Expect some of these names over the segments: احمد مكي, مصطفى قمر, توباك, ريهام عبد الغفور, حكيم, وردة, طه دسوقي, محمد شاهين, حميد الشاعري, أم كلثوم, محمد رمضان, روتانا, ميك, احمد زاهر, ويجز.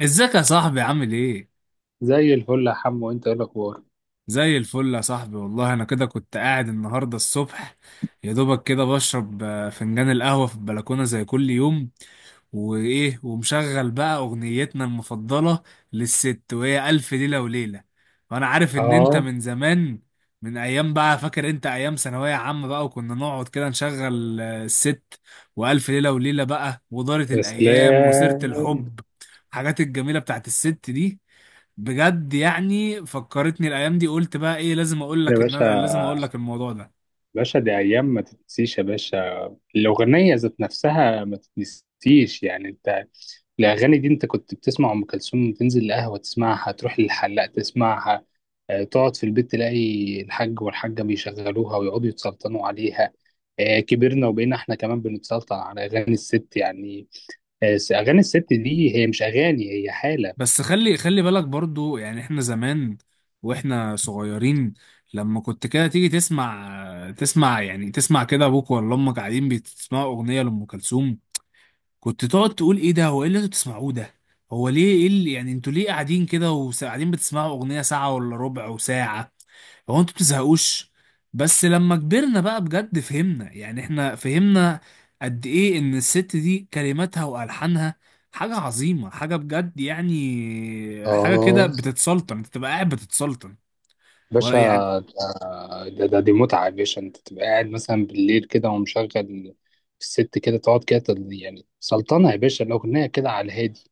ازيك يا صاحبي، عامل ايه؟ زي الفل يا حمو، انت ايه الاخبار؟ زي الفل يا صاحبي، والله انا كده كنت قاعد النهارده الصبح، يا دوبك كده بشرب فنجان القهوة في البلكونة زي كل يوم، وايه ومشغل بقى اغنيتنا المفضلة للست، وهي ألف ليلة وليلة. وانا عارف ان انت اه. من زمان، من ايام بقى، فاكر انت ايام ثانوية عامة بقى، وكنا نقعد كده نشغل الست وألف ليلة وليلة بقى، ودارت يا الايام وسيرة سلام. الحب، الحاجات الجميلة بتاعت الست دي. بجد يعني فكرتني الايام دي، قلت بقى ايه، لازم اقول يا لك ان باشا، انا لازم اقول لك الموضوع ده. باشا دي ايام ما تتنسيش يا باشا. الاغنيه ذات نفسها ما تتنسيش. انت الاغاني دي انت كنت بتسمع ام كلثوم، تنزل القهوه تسمعها، تروح للحلاق تسمعها، تقعد في البيت تلاقي الحاج والحاجه بيشغلوها ويقعدوا يتسلطنوا عليها. كبرنا وبقينا احنا كمان بنتسلطن على اغاني الست. اغاني الست دي هي مش اغاني، هي حاله. بس خلي بالك برضو، يعني احنا زمان واحنا صغيرين، لما كنت كده تيجي تسمع يعني تسمع كده ابوك ولا امك قاعدين بتسمعوا اغنيه لام كلثوم، كنت تقعد تقول ايه ده؟ هو ايه اللي انتوا بتسمعوه ده؟ هو ليه، ايه اللي يعني انتوا ليه قاعدين كده وقاعدين بتسمعوا اغنيه ساعه ولا ربع وساعه؟ هو انتوا بتزهقوش؟ بس لما كبرنا بقى بجد فهمنا، يعني احنا فهمنا قد ايه ان الست دي كلماتها والحانها حاجة عظيمة، حاجة بجد يعني، حاجة كده اه. بتتسلطن، انت تبقى قاعد بتتسلطن، ولا باشا، يعني. ده دي متعة يا باشا. انت تبقى قاعد مثلا بالليل كده ومشغل الست، كده تقعد كده سلطنة يا باشا. الأغنية كده على الهادي،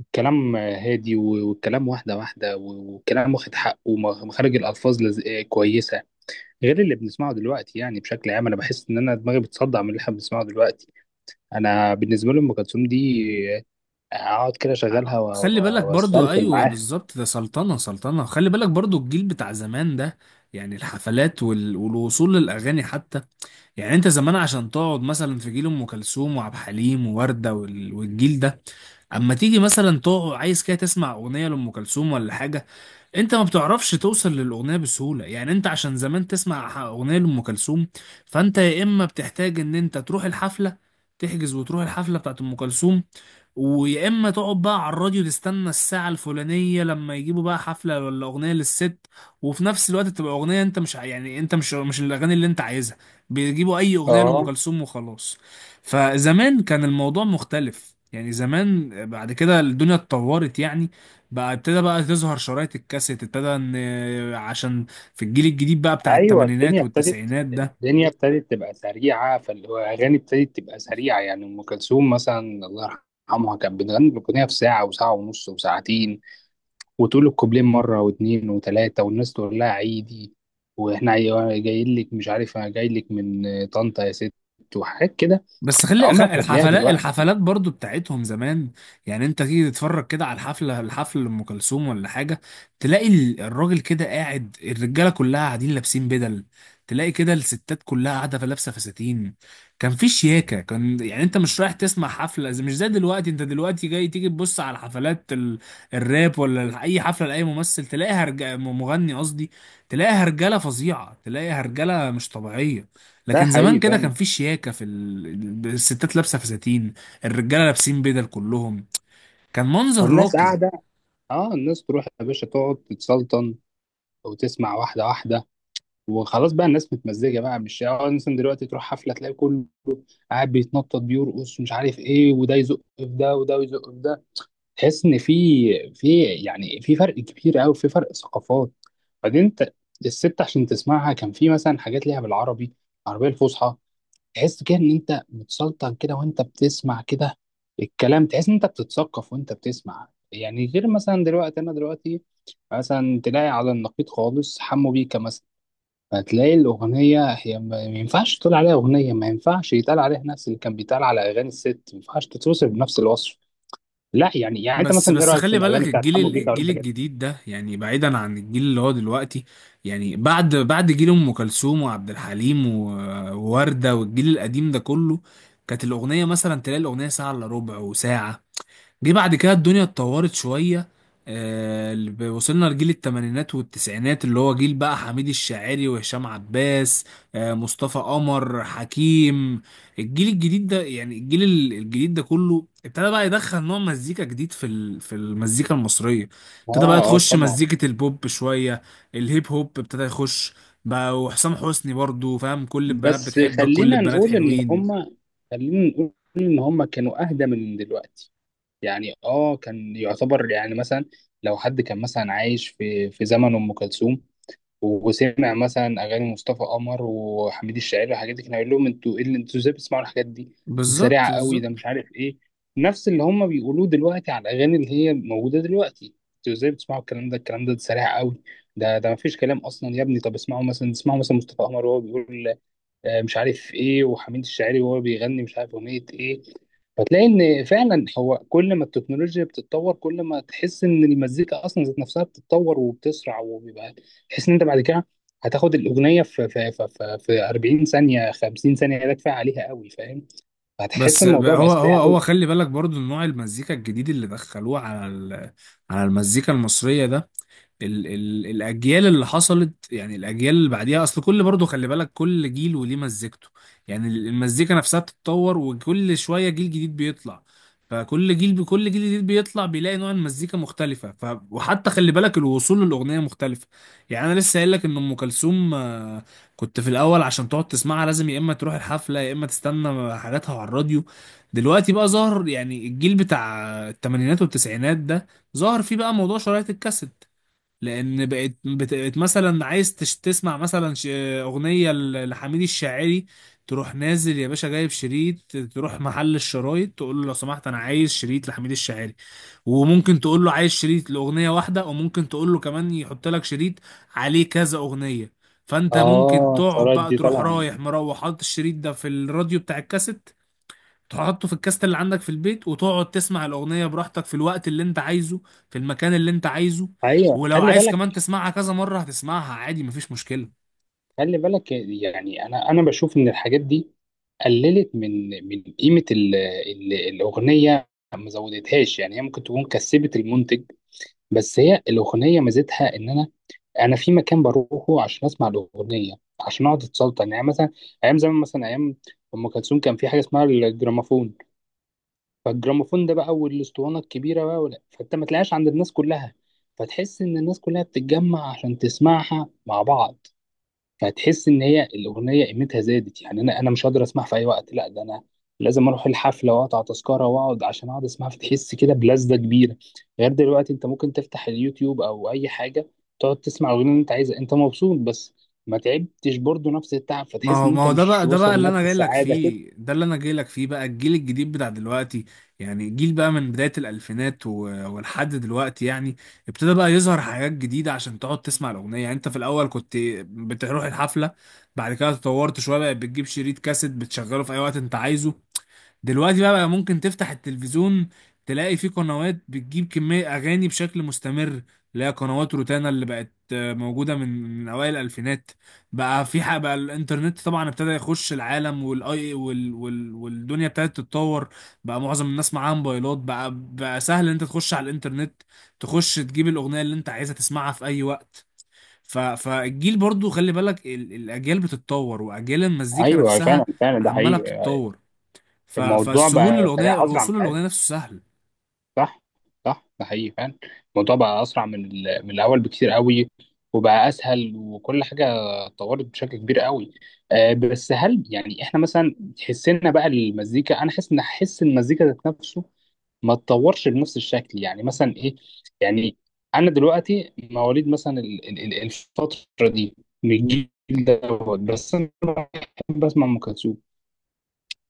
الكلام هادي والكلام واحدة واحدة والكلام واخد حقه، ومخارج الألفاظ لز... آه، كويسة، غير اللي بنسمعه دلوقتي. بشكل عام أنا بحس إن أنا دماغي بتصدع من اللي احنا بنسمعه دلوقتي. أنا بالنسبة لي أم كلثوم دي، أقعد كده أشغلها خلي بالك برضو، وأستلفل ايوه معاها. بالظبط، ده سلطنة سلطنة. خلي بالك برضو الجيل بتاع زمان ده، يعني الحفلات والوصول للاغاني حتى. يعني انت زمان عشان تقعد مثلا في جيل ام كلثوم وعبد الحليم ووردة والجيل ده، اما تيجي مثلا تقعد عايز كده تسمع اغنية لام كلثوم ولا حاجة، انت ما بتعرفش توصل للاغنيه بسهوله، يعني انت عشان زمان تسمع اغنيه لام كلثوم، فانت يا اما بتحتاج ان انت تروح الحفله، تحجز وتروح الحفله بتاعت ام كلثوم، ويا اما تقعد بقى على الراديو تستنى الساعه الفلانيه لما يجيبوا بقى حفله ولا اغنيه للست. وفي نفس الوقت تبقى اغنيه انت مش ع- يعني انت مش الاغاني اللي انت عايزها، بيجيبوا اي اغنيه لام اه. كلثوم وخلاص. فزمان كان الموضوع مختلف، يعني زمان بعد كده الدنيا اتطورت يعني، بقى ابتدى بقى تظهر شرايط الكاسيت، ابتدى ان عشان في الجيل الجديد بقى بتاع ايوه، التمانينات الدنيا ابتدت، والتسعينات ده. الدنيا ابتدت تبقى سريعه، فاللي هو اغاني ابتدت تبقى سريعه. يعني ام كلثوم مثلا، الله يرحمها، كانت بتغني الاغنيه في ساعه وساعه ونص وساعتين، وتقول الكوبلين مره واثنين وثلاثه، والناس تقول لها عيدي، واحنا جايين لك، مش عارف انا جاي لك من طنطا يا ست وحاجات كده. بس عمرك ما تلاقيها الحفلات دلوقتي. الحفلات برضو بتاعتهم زمان، يعني انت تيجي تتفرج كده على الحفل لام كلثوم ولا حاجه، تلاقي الراجل كده قاعد، الرجاله كلها قاعدين لابسين بدل، تلاقي كده الستات كلها قاعده في لابسه فساتين، كان في شياكه، كان يعني انت مش رايح تسمع حفله مش زي دلوقتي، انت دلوقتي جاي تيجي تبص على حفلات الراب ولا اي حفله لاي ممثل تلاقيها مغني قصدي، تلاقيها رجاله فظيعه، تلاقيها رجاله مش طبيعيه. ده لكن زمان حقيقي، كده فاهم. كان في شياكة، في الستات لابسة فساتين، الرجالة لابسين بدل كلهم، كان منظر والناس راقي. قاعده. اه، الناس تروح يا باشا تقعد تتسلطن وتسمع واحده واحده. وخلاص بقى الناس متمزجه بقى، مش يعني اه مثلا دلوقتي تروح حفله تلاقي كله قاعد بيتنطط بيرقص ومش عارف ايه، وده يزق في ده وده يزق في ده. تحس ان في، يعني في فرق كبير قوي، في فرق ثقافات. بعدين انت الست عشان تسمعها كان في مثلا حاجات ليها بالعربي، العربيه الفصحى، تحس كده ان انت متسلطن كده وانت بتسمع كده الكلام، تحس ان انت بتتثقف وانت بتسمع. غير مثلا دلوقتي، انا دلوقتي مثلا تلاقي على النقيض خالص حمو بيكا مثلا. هتلاقي الأغنية هي ما ينفعش تقول عليها أغنية، ما ينفعش يتقال عليها نفس اللي كان بيتقال على أغاني الست، ما ينفعش تتوصف بنفس الوصف. لا يعني أنت بس مثلا إيه بس رأيك في خلي بالك الأغاني بتاعت الجيل حمو ال- بيكا الجيل والحاجات دي؟ الجديد ده، يعني بعيدا عن الجيل اللي هو دلوقتي، يعني بعد جيل أم كلثوم وعبد الحليم ووردة والجيل القديم ده كله، كانت الأغنية مثلا تلاقي الأغنية ساعة إلا ربع وساعة. جه بعد كده الدنيا اتطورت شوية، وصلنا لجيل التمانينات والتسعينات اللي هو جيل بقى حميد الشاعري وهشام عباس، مصطفى قمر، حكيم. الجيل الجديد ده يعني الجيل الجديد ده كله ابتدى بقى يدخل نوع مزيكا جديد في المزيكا المصرية، اه ابتدى بقى اه، تخش طبعا. مزيكة البوب شوية، الهيب هوب ابتدى يخش بقى، وحسام حسني برضو، فاهم، كل البنات بس بتحبك، كل خلينا البنات نقول إن حلوين. هما، خلينا نقول إن هما كانوا أهدى من دلوقتي. يعني آه، كان يعتبر. يعني مثلا لو حد كان مثلا عايش في زمن أم كلثوم، وسمع مثلا اغاني مصطفى قمر وحميد الشاعري والحاجات دي، كان هيقول لهم انتوا ايه اللي انتوا ازاي بتسمعوا الحاجات دي؟ دي سريعه بالظبط، قوي، بالظبط. ده مش عارف ايه. نفس اللي هم بيقولوه دلوقتي على الاغاني اللي هي موجوده دلوقتي: انتوا ازاي بتسمعوا الكلام ده؟ الكلام ده سريع قوي. ده مفيش كلام اصلا يا ابني. طب اسمعوا مثلا، مصطفى قمر وهو بيقول مش عارف ايه، وحميد الشاعري وهو بيغني مش عارف اغنيه ايه. فتلاقي ان فعلا هو كل ما التكنولوجيا بتتطور، كل ما تحس ان المزيكا اصلا ذات نفسها بتتطور وبتسرع وبيبقى. تحس ان انت بعد كده هتاخد الاغنيه في 40 ثانيه، 50 ثانيه ده كفايه عليها قوي، فاهم. هتحس بس الموضوع بقى بقى هو هو سريع قوي. هو خلي بالك برضو نوع المزيكا الجديد اللي دخلوه على المزيكا المصرية ده، ال ال الاجيال اللي حصلت، يعني الاجيال اللي بعديها، اصل كل برضه خلي بالك كل جيل وليه مزيكته، يعني المزيكا نفسها بتتطور، وكل شويه جيل جديد بيطلع، فكل جيل بكل جيل جديد بيطلع بيلاقي نوع المزيكا مختلفه، وحتى خلي بالك الوصول للاغنيه مختلفه. يعني انا لسه قايل لك ان ام كلثوم كنت في الاول عشان تقعد تسمعها لازم يا اما تروح الحفله، يا اما تستنى حاجاتها على الراديو. دلوقتي بقى ظهر يعني الجيل بتاع الثمانينات والتسعينات ده، ظهر فيه بقى موضوع شرايط الكاسيت، لان بقت مثلا عايز تسمع مثلا اغنيه لحميد الشاعري، تروح نازل يا باشا جايب شريط، تروح محل الشرايط تقول له لو سمحت انا عايز شريط لحميد الشاعري، وممكن تقول له عايز شريط لاغنيه واحده، وممكن تقول له كمان يحط لك شريط عليه كذا اغنيه، فانت ممكن اه، تقعد القرارات بقى دي تروح طبعا. رايح مروح حاطط الشريط ده في الراديو بتاع الكاسيت، تحطه في الكاست اللي عندك في البيت، وتقعد تسمع الأغنية براحتك في الوقت اللي انت عايزه، في المكان اللي انت عايزه، ايوه، ولو خلي عايز بالك، كمان تسمعها كذا مرة هتسمعها عادي مفيش مشكلة. يعني انا بشوف ان الحاجات دي قللت من قيمه ال الاغنيه، ما زودتهاش. يعني هي ممكن تكون كسبت المنتج، بس هي الاغنيه ميزتها ان انا في مكان بروحه عشان اسمع الاغنيه، عشان اقعد اتسلطن. يعني مثلا ايام زمان مثلا، ايام ام كلثوم، كان في حاجه اسمها الجراموفون. فالجراموفون ده بقى والاسطوانه الكبيره بقى ولا، فانت ما تلاقيهاش عند الناس كلها، فتحس ان الناس كلها بتتجمع عشان تسمعها مع بعض. فهتحس ان هي الاغنيه قيمتها زادت. يعني انا مش هقدر اسمعها في اي وقت، لا ده انا لازم اروح الحفله واقطع تذكره واقعد عشان اقعد اسمعها، فتحس كده بلذه كبيره. غير دلوقتي انت ممكن تفتح اليوتيوب او اي حاجه تقعد تسمع الاغنيه اللي انت عايزها، انت مبسوط بس ما تعبتش برضه نفس التعب، ما فتحس هو ان ما انت هو ده مش بقى، ده بقى واصل اللي انا لنفس جاي لك السعاده كده. فيه، ده اللي انا جاي لك فيه، بقى الجيل الجديد بتاع دلوقتي، يعني جيل بقى من بداية الألفينات ولحد دلوقتي يعني، ابتدى بقى يظهر حاجات جديدة عشان تقعد تسمع الأغنية. يعني انت في الأول كنت بتروح الحفلة، بعد كده اتطورت شوية بقى بتجيب شريط كاسيت بتشغله في أي وقت انت عايزه. دلوقتي بقى ممكن تفتح التلفزيون تلاقي فيه قنوات بتجيب كمية أغاني بشكل مستمر، اللي هي قنوات روتانا اللي بقت موجودة من أوائل الألفينات. بقى في حق بقى الإنترنت طبعا ابتدى يخش العالم، والأي وال وال والدنيا ابتدت تتطور، بقى معظم الناس معاها موبايلات، بقى سهل إن أنت تخش على الإنترنت، تخش تجيب الأغنية اللي أنت عايزها تسمعها في أي وقت. فالجيل برضو خلي بالك الأجيال بتتطور، وأجيال المزيكا ايوه فعلا، نفسها فعلا، ده عمالة حقيقي. بتتطور. ف... الموضوع فالسهول بقى للاغنيه سريع اسرع من، الوصول للاغنيه نفسه سهل. صح، صح، ده حقيقي فعلا. الموضوع بقى اسرع من من الاول بكتير قوي، وبقى اسهل، وكل حاجه اتطورت بشكل كبير قوي. آه، بس هل يعني احنا مثلا تحسنا بقى المزيكا؟ انا حاسس ان حس المزيكا ذات نفسه ما اتطورش بنفس الشكل. يعني مثلا ايه؟ يعني انا دلوقتي مواليد مثلا الفتره دي، من الجيل دوت، بس انا بحب اسمع ام كلثوم.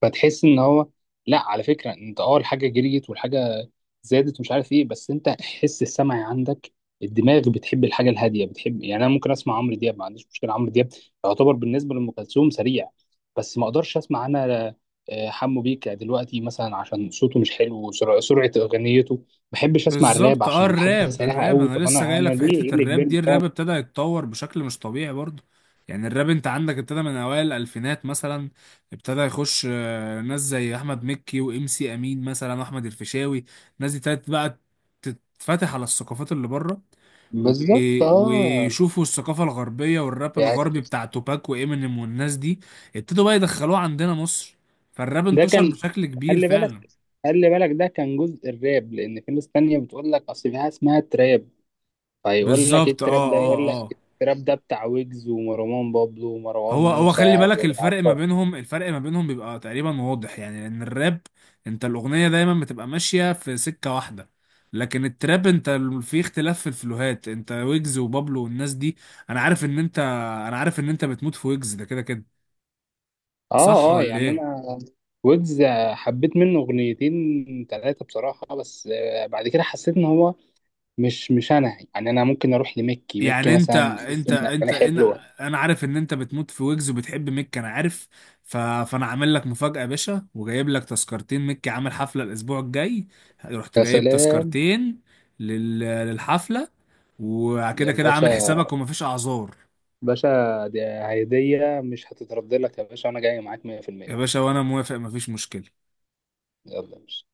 فتحس ان هو، لا على فكره انت، اه الحاجه جريت والحاجه زادت ومش عارف ايه، بس انت حس السمعي عندك، الدماغ بتحب الحاجه الهاديه بتحب. يعني انا ممكن اسمع عمرو دياب، ما عنديش مشكله، عمرو دياب يعتبر بالنسبه لام كلثوم سريع، بس ما اقدرش اسمع انا حمو بيكا دلوقتي مثلا عشان صوته مش حلو سرعة اغنيته. ما بحبش اسمع الراب بالظبط. اه عشان الحاجه الراب سريعه الراب قوي. انا طب لسه انا، جاي لك في ليه ايه حته اللي الراب كبرني؟ دي، الراب ابتدى يتطور بشكل مش طبيعي برضه، يعني الراب انت عندك ابتدى من اوائل الالفينات مثلا، ابتدى يخش ناس زي احمد مكي وام سي امين مثلا واحمد الفيشاوي، الناس دي ابتدت بقى تتفتح على الثقافات اللي بره، و... بالظبط اه. ويشوفوا الثقافه الغربيه والراب يعني الغربي بتاع توباك وامينيم والناس دي، ابتدوا بقى يدخلوه عندنا مصر، فالراب ده انتشر كان، بشكل كبير خلي بالك، فعلا. ده كان جزء الراب، لان في ناس تانية بتقول لك اصل في حاجه اسمها تراب. فيقول لك ايه بالظبط، التراب اه، ده؟ اه، يقول لك اه. التراب ده بتاع ويجز ومروان بابلو ومروان هو موسى خلي بالك الفرق ما وعفار. بينهم، الفرق ما بينهم بيبقى تقريبا واضح، يعني لان الراب انت الاغنيه دايما بتبقى ماشيه في سكه واحده، لكن التراب انت في اختلاف في الفلوهات، انت ويجز وبابلو والناس دي، انا عارف ان انت انا عارف ان انت بتموت في ويجز ده كده كده، صح اه اه. ولا يعني ايه؟ انا ويجز حبيت منه اغنيتين ثلاثه بصراحه، بس بعد كده حسيت ان هو مش انا. يعني انا ممكن اروح لميكي، ميكي يعني انت مثلا بتحس انت ان انت اغاني انا حلوه. انا عارف ان انت بتموت في ويجز وبتحب ميك، انا عارف. فانا عامل لك مفاجأة يا باشا، وجايب لك تذكرتين، ميك عامل حفلة الاسبوع الجاي، رحت يا جايب سلام تذكرتين للحفلة، يا وكده كده عامل باشا. حسابك ومفيش اعذار، باشا، دي هدية مش هتترد لك يا باشا، أنا جاي معاك 100%. يا باشا، وانا موافق مفيش مشكلة. يلا يا باشا.